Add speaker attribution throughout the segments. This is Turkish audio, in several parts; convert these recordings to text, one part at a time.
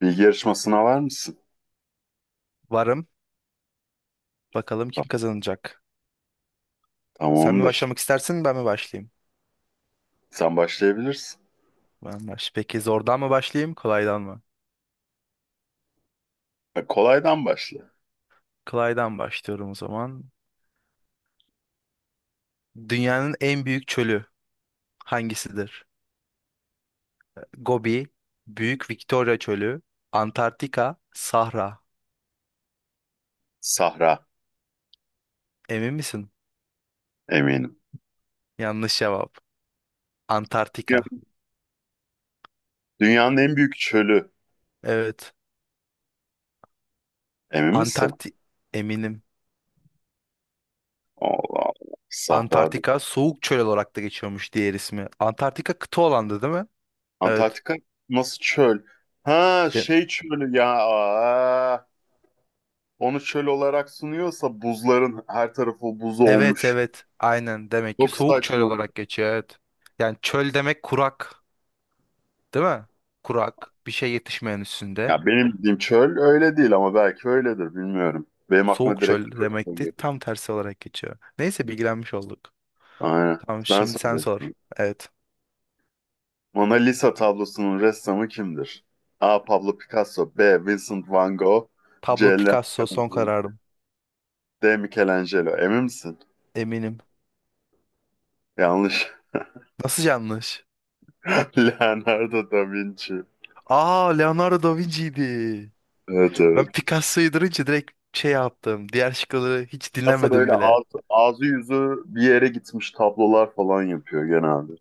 Speaker 1: Bilgi yarışmasına var mısın?
Speaker 2: Varım. Bakalım kim
Speaker 1: Tam-
Speaker 2: kazanacak. Sen mi
Speaker 1: Tamamdır.
Speaker 2: başlamak istersin, ben mi başlayayım?
Speaker 1: Sen başlayabilirsin.
Speaker 2: Ben baş. Peki zordan mı başlayayım, kolaydan mı?
Speaker 1: Kolaydan başla.
Speaker 2: Kolaydan başlıyorum o zaman. Dünyanın en büyük çölü hangisidir? Gobi, Büyük Victoria Çölü, Antarktika, Sahra.
Speaker 1: Sahra.
Speaker 2: Emin misin?
Speaker 1: Eminim.
Speaker 2: Yanlış cevap.
Speaker 1: Ya,
Speaker 2: Antarktika.
Speaker 1: Dünyanın en büyük çölü.
Speaker 2: Evet.
Speaker 1: Emin misin?
Speaker 2: Antarktik, eminim.
Speaker 1: Allah Allah. Sahra değil.
Speaker 2: Antarktika soğuk çöl olarak da geçiyormuş diğer ismi. Antarktika kıta olandı, değil mi? Evet.
Speaker 1: Antarktika nasıl çöl? Ha,
Speaker 2: De-
Speaker 1: şey çölü ya. Aa, onu çöl olarak sunuyorsa buzların her tarafı buz
Speaker 2: Evet,
Speaker 1: olmuş.
Speaker 2: evet, aynen, demek ki
Speaker 1: Çok
Speaker 2: soğuk çöl
Speaker 1: saçma.
Speaker 2: olarak geçiyor, evet. Yani çöl demek kurak, değil mi? Kurak, bir şey yetişmeyen üstünde.
Speaker 1: Ya benim bildiğim çöl öyle değil, ama belki öyledir, bilmiyorum. Benim aklıma
Speaker 2: Soğuk
Speaker 1: direkt
Speaker 2: çöl
Speaker 1: çöl
Speaker 2: demekti,
Speaker 1: geliyor.
Speaker 2: tam tersi olarak geçiyor. Neyse bilgilenmiş olduk.
Speaker 1: Aynen.
Speaker 2: Tamam,
Speaker 1: Ben
Speaker 2: şimdi sen sor.
Speaker 1: söyleyeyim.
Speaker 2: Evet.
Speaker 1: Mona Lisa tablosunun ressamı kimdir? A. Pablo Picasso, B. Vincent van Gogh, C.
Speaker 2: Pablo
Speaker 1: Leonardo
Speaker 2: Picasso
Speaker 1: da
Speaker 2: son
Speaker 1: Vinci,
Speaker 2: kararım.
Speaker 1: D. Michelangelo. Emin misin?
Speaker 2: Eminim.
Speaker 1: Yanlış.
Speaker 2: Nasıl yanlış?
Speaker 1: Leonardo da Vinci.
Speaker 2: Aa, Leonardo da Vinci'ydi.
Speaker 1: Evet,
Speaker 2: Ben
Speaker 1: evet.
Speaker 2: Picasso'yu durunca direkt şey yaptım. Diğer şıkları hiç
Speaker 1: Aslında
Speaker 2: dinlemedim
Speaker 1: böyle
Speaker 2: bile.
Speaker 1: ağzı yüzü bir yere gitmiş tablolar falan yapıyor genelde.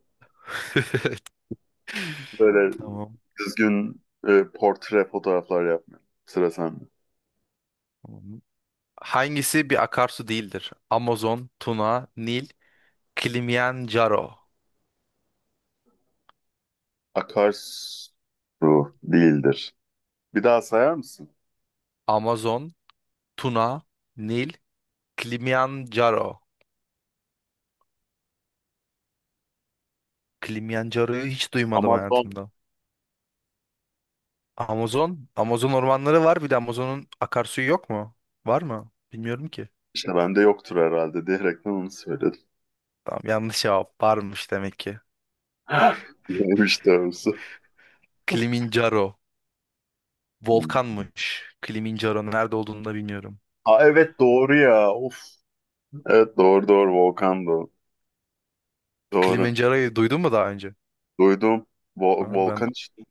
Speaker 1: Böyle
Speaker 2: Tamam.
Speaker 1: düzgün, portre fotoğraflar yapmıyor. Sıra sende.
Speaker 2: Tamam. Hangisi bir akarsu değildir? Amazon, Tuna, Nil, Kilimanjaro.
Speaker 1: Akarsu değildir. Bir daha sayar mısın?
Speaker 2: Amazon, Tuna, Nil, Kilimanjaro. Kilimanjaro'yu hiç duymadım
Speaker 1: Amazon,
Speaker 2: hayatımda. Amazon, Amazon ormanları var. Bir de Amazon'un akarsuyu yok mu? Var mı? Bilmiyorum ki.
Speaker 1: işte bende yoktur herhalde diyerekten onu söyledim.
Speaker 2: Tamam, yanlış cevap. Varmış demek ki.
Speaker 1: Neymiş doğrusu.
Speaker 2: Kilimanjaro. Volkanmış. Kilimanjaro nerede olduğunu da bilmiyorum.
Speaker 1: Aa, evet, doğru ya. Of. Evet, doğru, doğru, volkan, doğru. Doğru.
Speaker 2: Kilimanjaro'yu duydun mu daha önce?
Speaker 1: Duydum. Vol-
Speaker 2: Ha, ben
Speaker 1: volkan işte.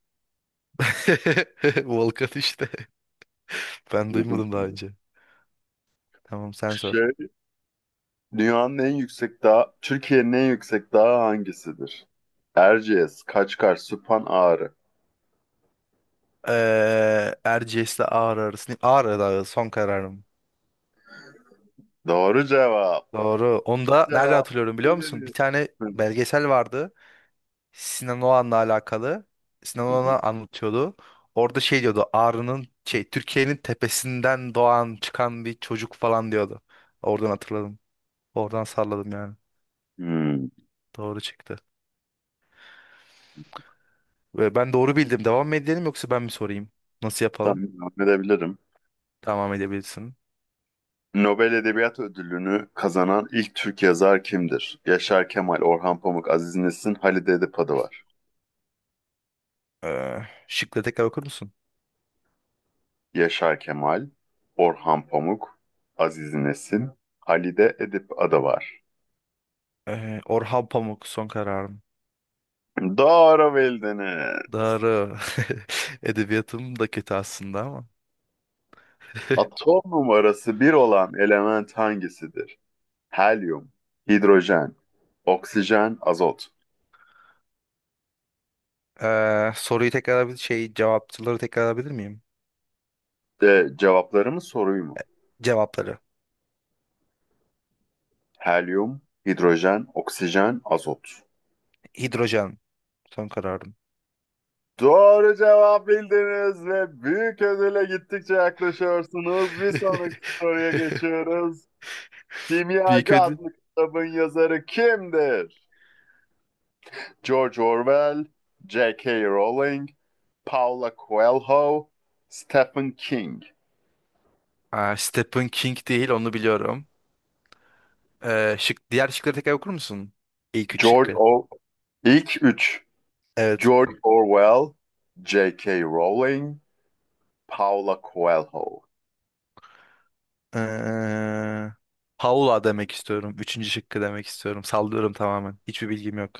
Speaker 2: Volkan işte. Ben
Speaker 1: Duydum
Speaker 2: duymadım daha
Speaker 1: şimdi.
Speaker 2: önce. Tamam, sen sor.
Speaker 1: Şey, dünyanın en yüksek dağı, Türkiye'nin en yüksek dağı hangisidir? Erciyes, Kaçkar, Süphan, Ağrı.
Speaker 2: Erciyes'le Ağrı arasında. Ağrı Dağı son kararım.
Speaker 1: Doğru cevap.
Speaker 2: Doğru. Onu da nereden
Speaker 1: Cevap.
Speaker 2: hatırlıyorum biliyor musun? Bir
Speaker 1: Bildiniz.
Speaker 2: tane
Speaker 1: Hı hı.
Speaker 2: belgesel vardı. Sinan Oğan'la alakalı. Sinan
Speaker 1: Hı.
Speaker 2: Oğan'a anlatıyordu. Orada şey diyordu. Ağrı'nın şey Türkiye'nin tepesinden doğan çıkan bir çocuk falan diyordu. Oradan hatırladım. Oradan salladım yani.
Speaker 1: Hmm.
Speaker 2: Doğru çıktı. Ve ben doğru bildim. Devam mı edelim yoksa ben mi sorayım? Nasıl yapalım?
Speaker 1: Tahmin edebilirim.
Speaker 2: Devam edebilirsin.
Speaker 1: Nobel Edebiyat Ödülünü kazanan ilk Türk yazar kimdir? Yaşar Kemal, Orhan Pamuk, Aziz Nesin, Halide Edip'adı var.
Speaker 2: Ee, şıkları tekrar okur musun?
Speaker 1: Yaşar Kemal, Orhan Pamuk, Aziz Nesin, Halide Edip'adı var.
Speaker 2: Orhan Pamuk son kararım.
Speaker 1: Doğru bildiniz.
Speaker 2: Doğru. Edebiyatım da kötü aslında ama.
Speaker 1: Atom numarası bir olan element hangisidir? Helyum, hidrojen, oksijen, azot.
Speaker 2: Soruyu tekrar, bir şey, cevapçıları tekrar alabilir miyim?
Speaker 1: Cevapları mı, soruyu mu?
Speaker 2: Cevapları.
Speaker 1: Helyum, hidrojen, oksijen, azot.
Speaker 2: Hidrojen son kararım.
Speaker 1: Doğru cevap bildiniz ve büyük ödüle gittikçe yaklaşıyorsunuz. Bir sonraki soruya geçiyoruz.
Speaker 2: Büyük
Speaker 1: Kimyacı
Speaker 2: ödül.
Speaker 1: adlı kitabın yazarı kimdir? George Orwell, J.K. Rowling, Paula Coelho, Stephen King.
Speaker 2: Aa, Stephen King değil, onu biliyorum. Diğer şıkları tekrar okur musun? İlk üç
Speaker 1: George
Speaker 2: şıkkı.
Speaker 1: O... İlk üç.
Speaker 2: Evet.
Speaker 1: George Orwell, J.K. Rowling, Paula Coelho.
Speaker 2: Ee, Paula demek istiyorum. Üçüncü şıkkı demek istiyorum. Sallıyorum tamamen. Hiçbir bilgim yok.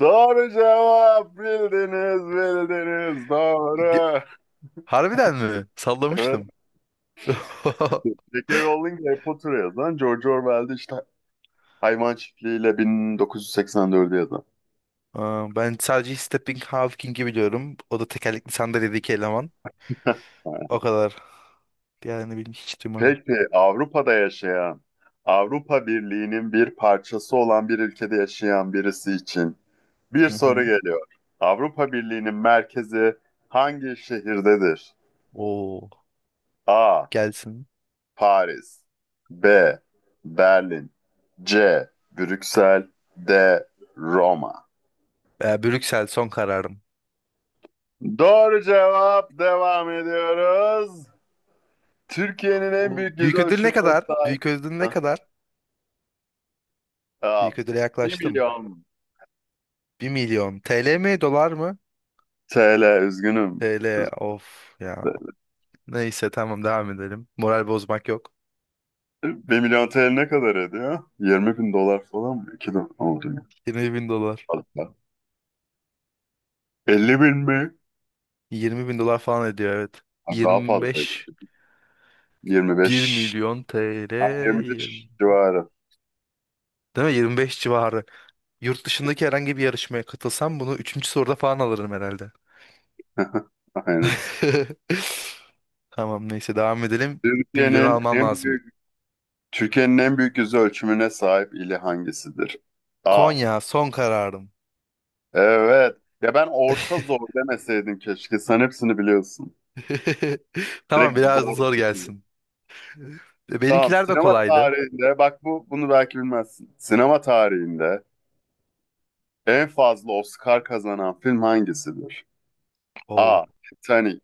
Speaker 1: Doğru cevap, bildiniz, bildiniz,
Speaker 2: Ge-
Speaker 1: doğru.
Speaker 2: Harbiden mi? Sallamıştım.
Speaker 1: J.K. Rowling Harry Potter'ı yazan, George Orwell'de işte Hayvan Çiftliği'yle 1984'ü yazan.
Speaker 2: Aa, ben sadece Stephen Hawking'i biliyorum. O da tekerlekli sandalyedeki eleman. O kadar. Diğerlerini bilmiş hiç duymadım.
Speaker 1: Peki Avrupa'da yaşayan, Avrupa Birliği'nin bir parçası olan bir ülkede yaşayan birisi için bir
Speaker 2: Hı
Speaker 1: soru
Speaker 2: hı.
Speaker 1: geliyor. Avrupa Birliği'nin merkezi hangi şehirdedir?
Speaker 2: Oo,
Speaker 1: A.
Speaker 2: gelsin.
Speaker 1: Paris, B. Berlin, C. Brüksel, D. Roma.
Speaker 2: Brüksel son kararım.
Speaker 1: Doğru cevap. Devam ediyoruz. Türkiye'nin en
Speaker 2: Oo,
Speaker 1: büyük yüz
Speaker 2: büyük ödül ne
Speaker 1: ölçümüne
Speaker 2: kadar?
Speaker 1: sahip.
Speaker 2: Büyük ödül ne
Speaker 1: Hah.
Speaker 2: kadar? Büyük
Speaker 1: Aa,
Speaker 2: ödüle
Speaker 1: 1
Speaker 2: yaklaştım.
Speaker 1: milyon
Speaker 2: 1 milyon. TL mi, dolar mı?
Speaker 1: TL. Üzgünüm.
Speaker 2: TL, of ya.
Speaker 1: Üzgünüm.
Speaker 2: Neyse tamam, devam edelim. Moral bozmak yok.
Speaker 1: 1 milyon TL ne kadar ediyor? 20.000 dolar falan mı? 2 dolar oldu.
Speaker 2: 20 bin dolar.
Speaker 1: Fazla. 50 bin mi?
Speaker 2: 20 bin dolar falan ediyor, evet.
Speaker 1: Ha, daha
Speaker 2: Yirmi
Speaker 1: fazlaydı.
Speaker 2: beş bir
Speaker 1: 25.
Speaker 2: milyon
Speaker 1: Ha,
Speaker 2: TL
Speaker 1: 25 civarı.
Speaker 2: değil mi? 25 civarı. Yurt dışındaki herhangi bir yarışmaya katılsam bunu üçüncü soruda falan alırım herhalde.
Speaker 1: Aynen.
Speaker 2: Tamam, neyse devam edelim. 1 milyonu
Speaker 1: Türkiye'nin
Speaker 2: almam
Speaker 1: en
Speaker 2: lazım.
Speaker 1: büyük Türkiye'nin en büyük yüz ölçümüne sahip ili hangisidir? Aa,
Speaker 2: Konya son kararım.
Speaker 1: evet. Ya ben orta zor demeseydin keşke. Sen hepsini biliyorsun.
Speaker 2: Tamam,
Speaker 1: Direkt
Speaker 2: biraz da
Speaker 1: zor
Speaker 2: zor
Speaker 1: kaçıyor.
Speaker 2: gelsin. E,
Speaker 1: Tamam.
Speaker 2: benimkiler de
Speaker 1: Sinema
Speaker 2: kolaydı.
Speaker 1: tarihinde bak, bunu belki bilmezsin. Sinema tarihinde en fazla Oscar kazanan film hangisidir?
Speaker 2: Oo.
Speaker 1: A. Titanic,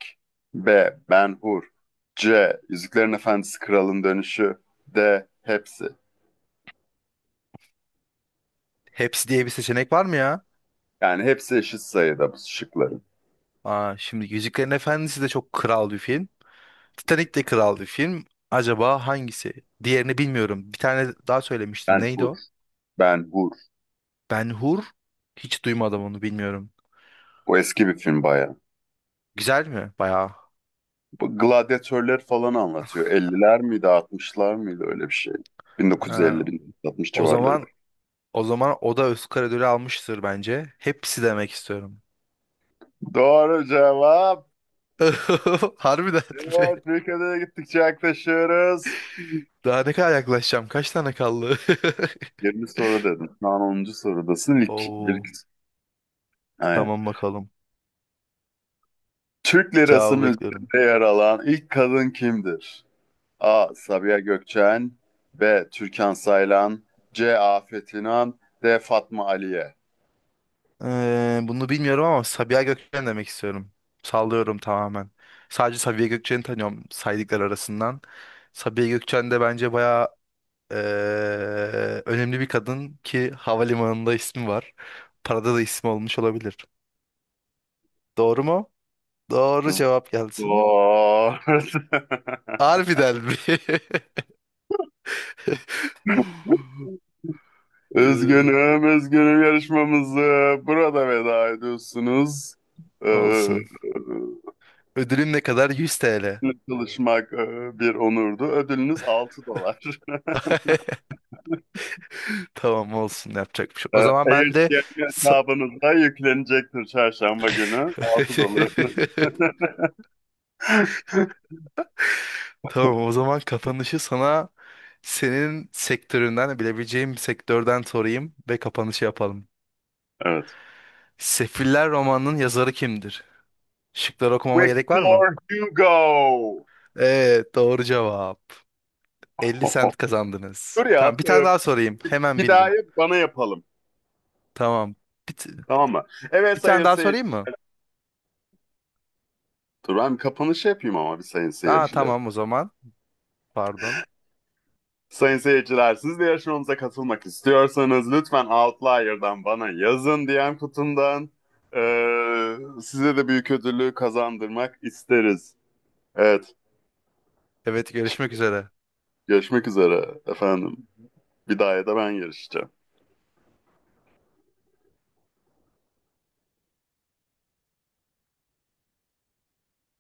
Speaker 1: B. Ben-Hur, C. Yüzüklerin Efendisi Kralın Dönüşü, D. Hepsi.
Speaker 2: Hepsi diye bir seçenek var mı ya?
Speaker 1: Yani hepsi eşit sayıda bu şıkların.
Speaker 2: Aa, şimdi Yüzüklerin Efendisi de çok kral bir film. Titanic de kral bir film. Acaba hangisi? Diğerini bilmiyorum. Bir tane daha söylemiştim. Neydi
Speaker 1: Ben-Hur,
Speaker 2: o?
Speaker 1: Ben-Hur.
Speaker 2: Ben Hur. Hiç duymadım, onu bilmiyorum.
Speaker 1: Bu eski bir film bayağı.
Speaker 2: Güzel mi? Bayağı.
Speaker 1: Bu gladyatörler falan anlatıyor. 50'ler miydi, 60'lar mıydı, öyle bir şey.
Speaker 2: Ee,
Speaker 1: 1950-1960
Speaker 2: o
Speaker 1: civarları.
Speaker 2: zaman o da Oscar ödülü almıştır bence. Hepsi demek istiyorum.
Speaker 1: Doğru cevap.
Speaker 2: Harbiden mi?
Speaker 1: Evet, bir kadere gittikçe yaklaşıyoruz.
Speaker 2: Daha ne kadar yaklaşacağım? Kaç tane kaldı?
Speaker 1: 20 soru dedim. Şu an 10. sorudasın.
Speaker 2: Oo,
Speaker 1: Aynen.
Speaker 2: tamam bakalım.
Speaker 1: Türk lirasının
Speaker 2: Cevabı bekliyorum.
Speaker 1: üzerinde yer alan ilk kadın kimdir? A. Sabiha Gökçen, B. Türkan Saylan, C. Afet İnan, D. Fatma Aliye.
Speaker 2: Bunu bilmiyorum ama Sabiha Gökçen demek istiyorum. Sallıyorum tamamen. Sadece Sabiha Gökçen'i tanıyorum saydıklar arasından. Sabiha Gökçen de bence bayağı önemli bir kadın ki havalimanında ismi var. Parada da ismi olmuş olabilir. Doğru mu? Doğru cevap gelsin.
Speaker 1: Zor.
Speaker 2: Harbiden mi? Ya,
Speaker 1: Üzgünüm, üzgünüm, yarışmamızı burada veda ediyorsunuz. Ee,
Speaker 2: olsun. Ödülüm ne kadar? 100 TL.
Speaker 1: Sizinle çalışmak, bir onurdu. Ödülünüz 6 dolar.
Speaker 2: Tamam, olsun, yapacak bir şey yok. O zaman
Speaker 1: Eğer
Speaker 2: ben de
Speaker 1: ki
Speaker 2: sa-
Speaker 1: hesabınıza yüklenecektir çarşamba günü. 6 dolarınız.
Speaker 2: Tamam, o zaman kapanışı sana, senin sektöründen bilebileceğim bir sektörden sorayım ve kapanışı yapalım.
Speaker 1: Evet.
Speaker 2: Sefiller romanının yazarı kimdir? Şıkları okumama gerek
Speaker 1: Victor
Speaker 2: var mı?
Speaker 1: Hugo.
Speaker 2: Evet, doğru cevap. 50 sent kazandınız.
Speaker 1: Dur
Speaker 2: Tamam,
Speaker 1: ya.
Speaker 2: bir tane daha sorayım. Hemen
Speaker 1: Bir daha
Speaker 2: bildin.
Speaker 1: bana yapalım.
Speaker 2: Tamam. Bir, t-
Speaker 1: Tamam mı? Evet,
Speaker 2: Bir
Speaker 1: sayın
Speaker 2: tane daha sorayım
Speaker 1: seyirciler.
Speaker 2: mı?
Speaker 1: Dur, ben kapanışı yapayım ama, bir sayın
Speaker 2: Aa,
Speaker 1: seyirciler.
Speaker 2: tamam o zaman. Pardon.
Speaker 1: Sayın seyirciler, siz de yarışmamıza katılmak istiyorsanız, lütfen Outlier'dan bana yazın, DM kutumdan. Ee, Size de büyük ödülü kazandırmak isteriz. Evet,
Speaker 2: Evet, görüşmek üzere.
Speaker 1: görüşmek üzere efendim. Bir daha da ben yarışacağım.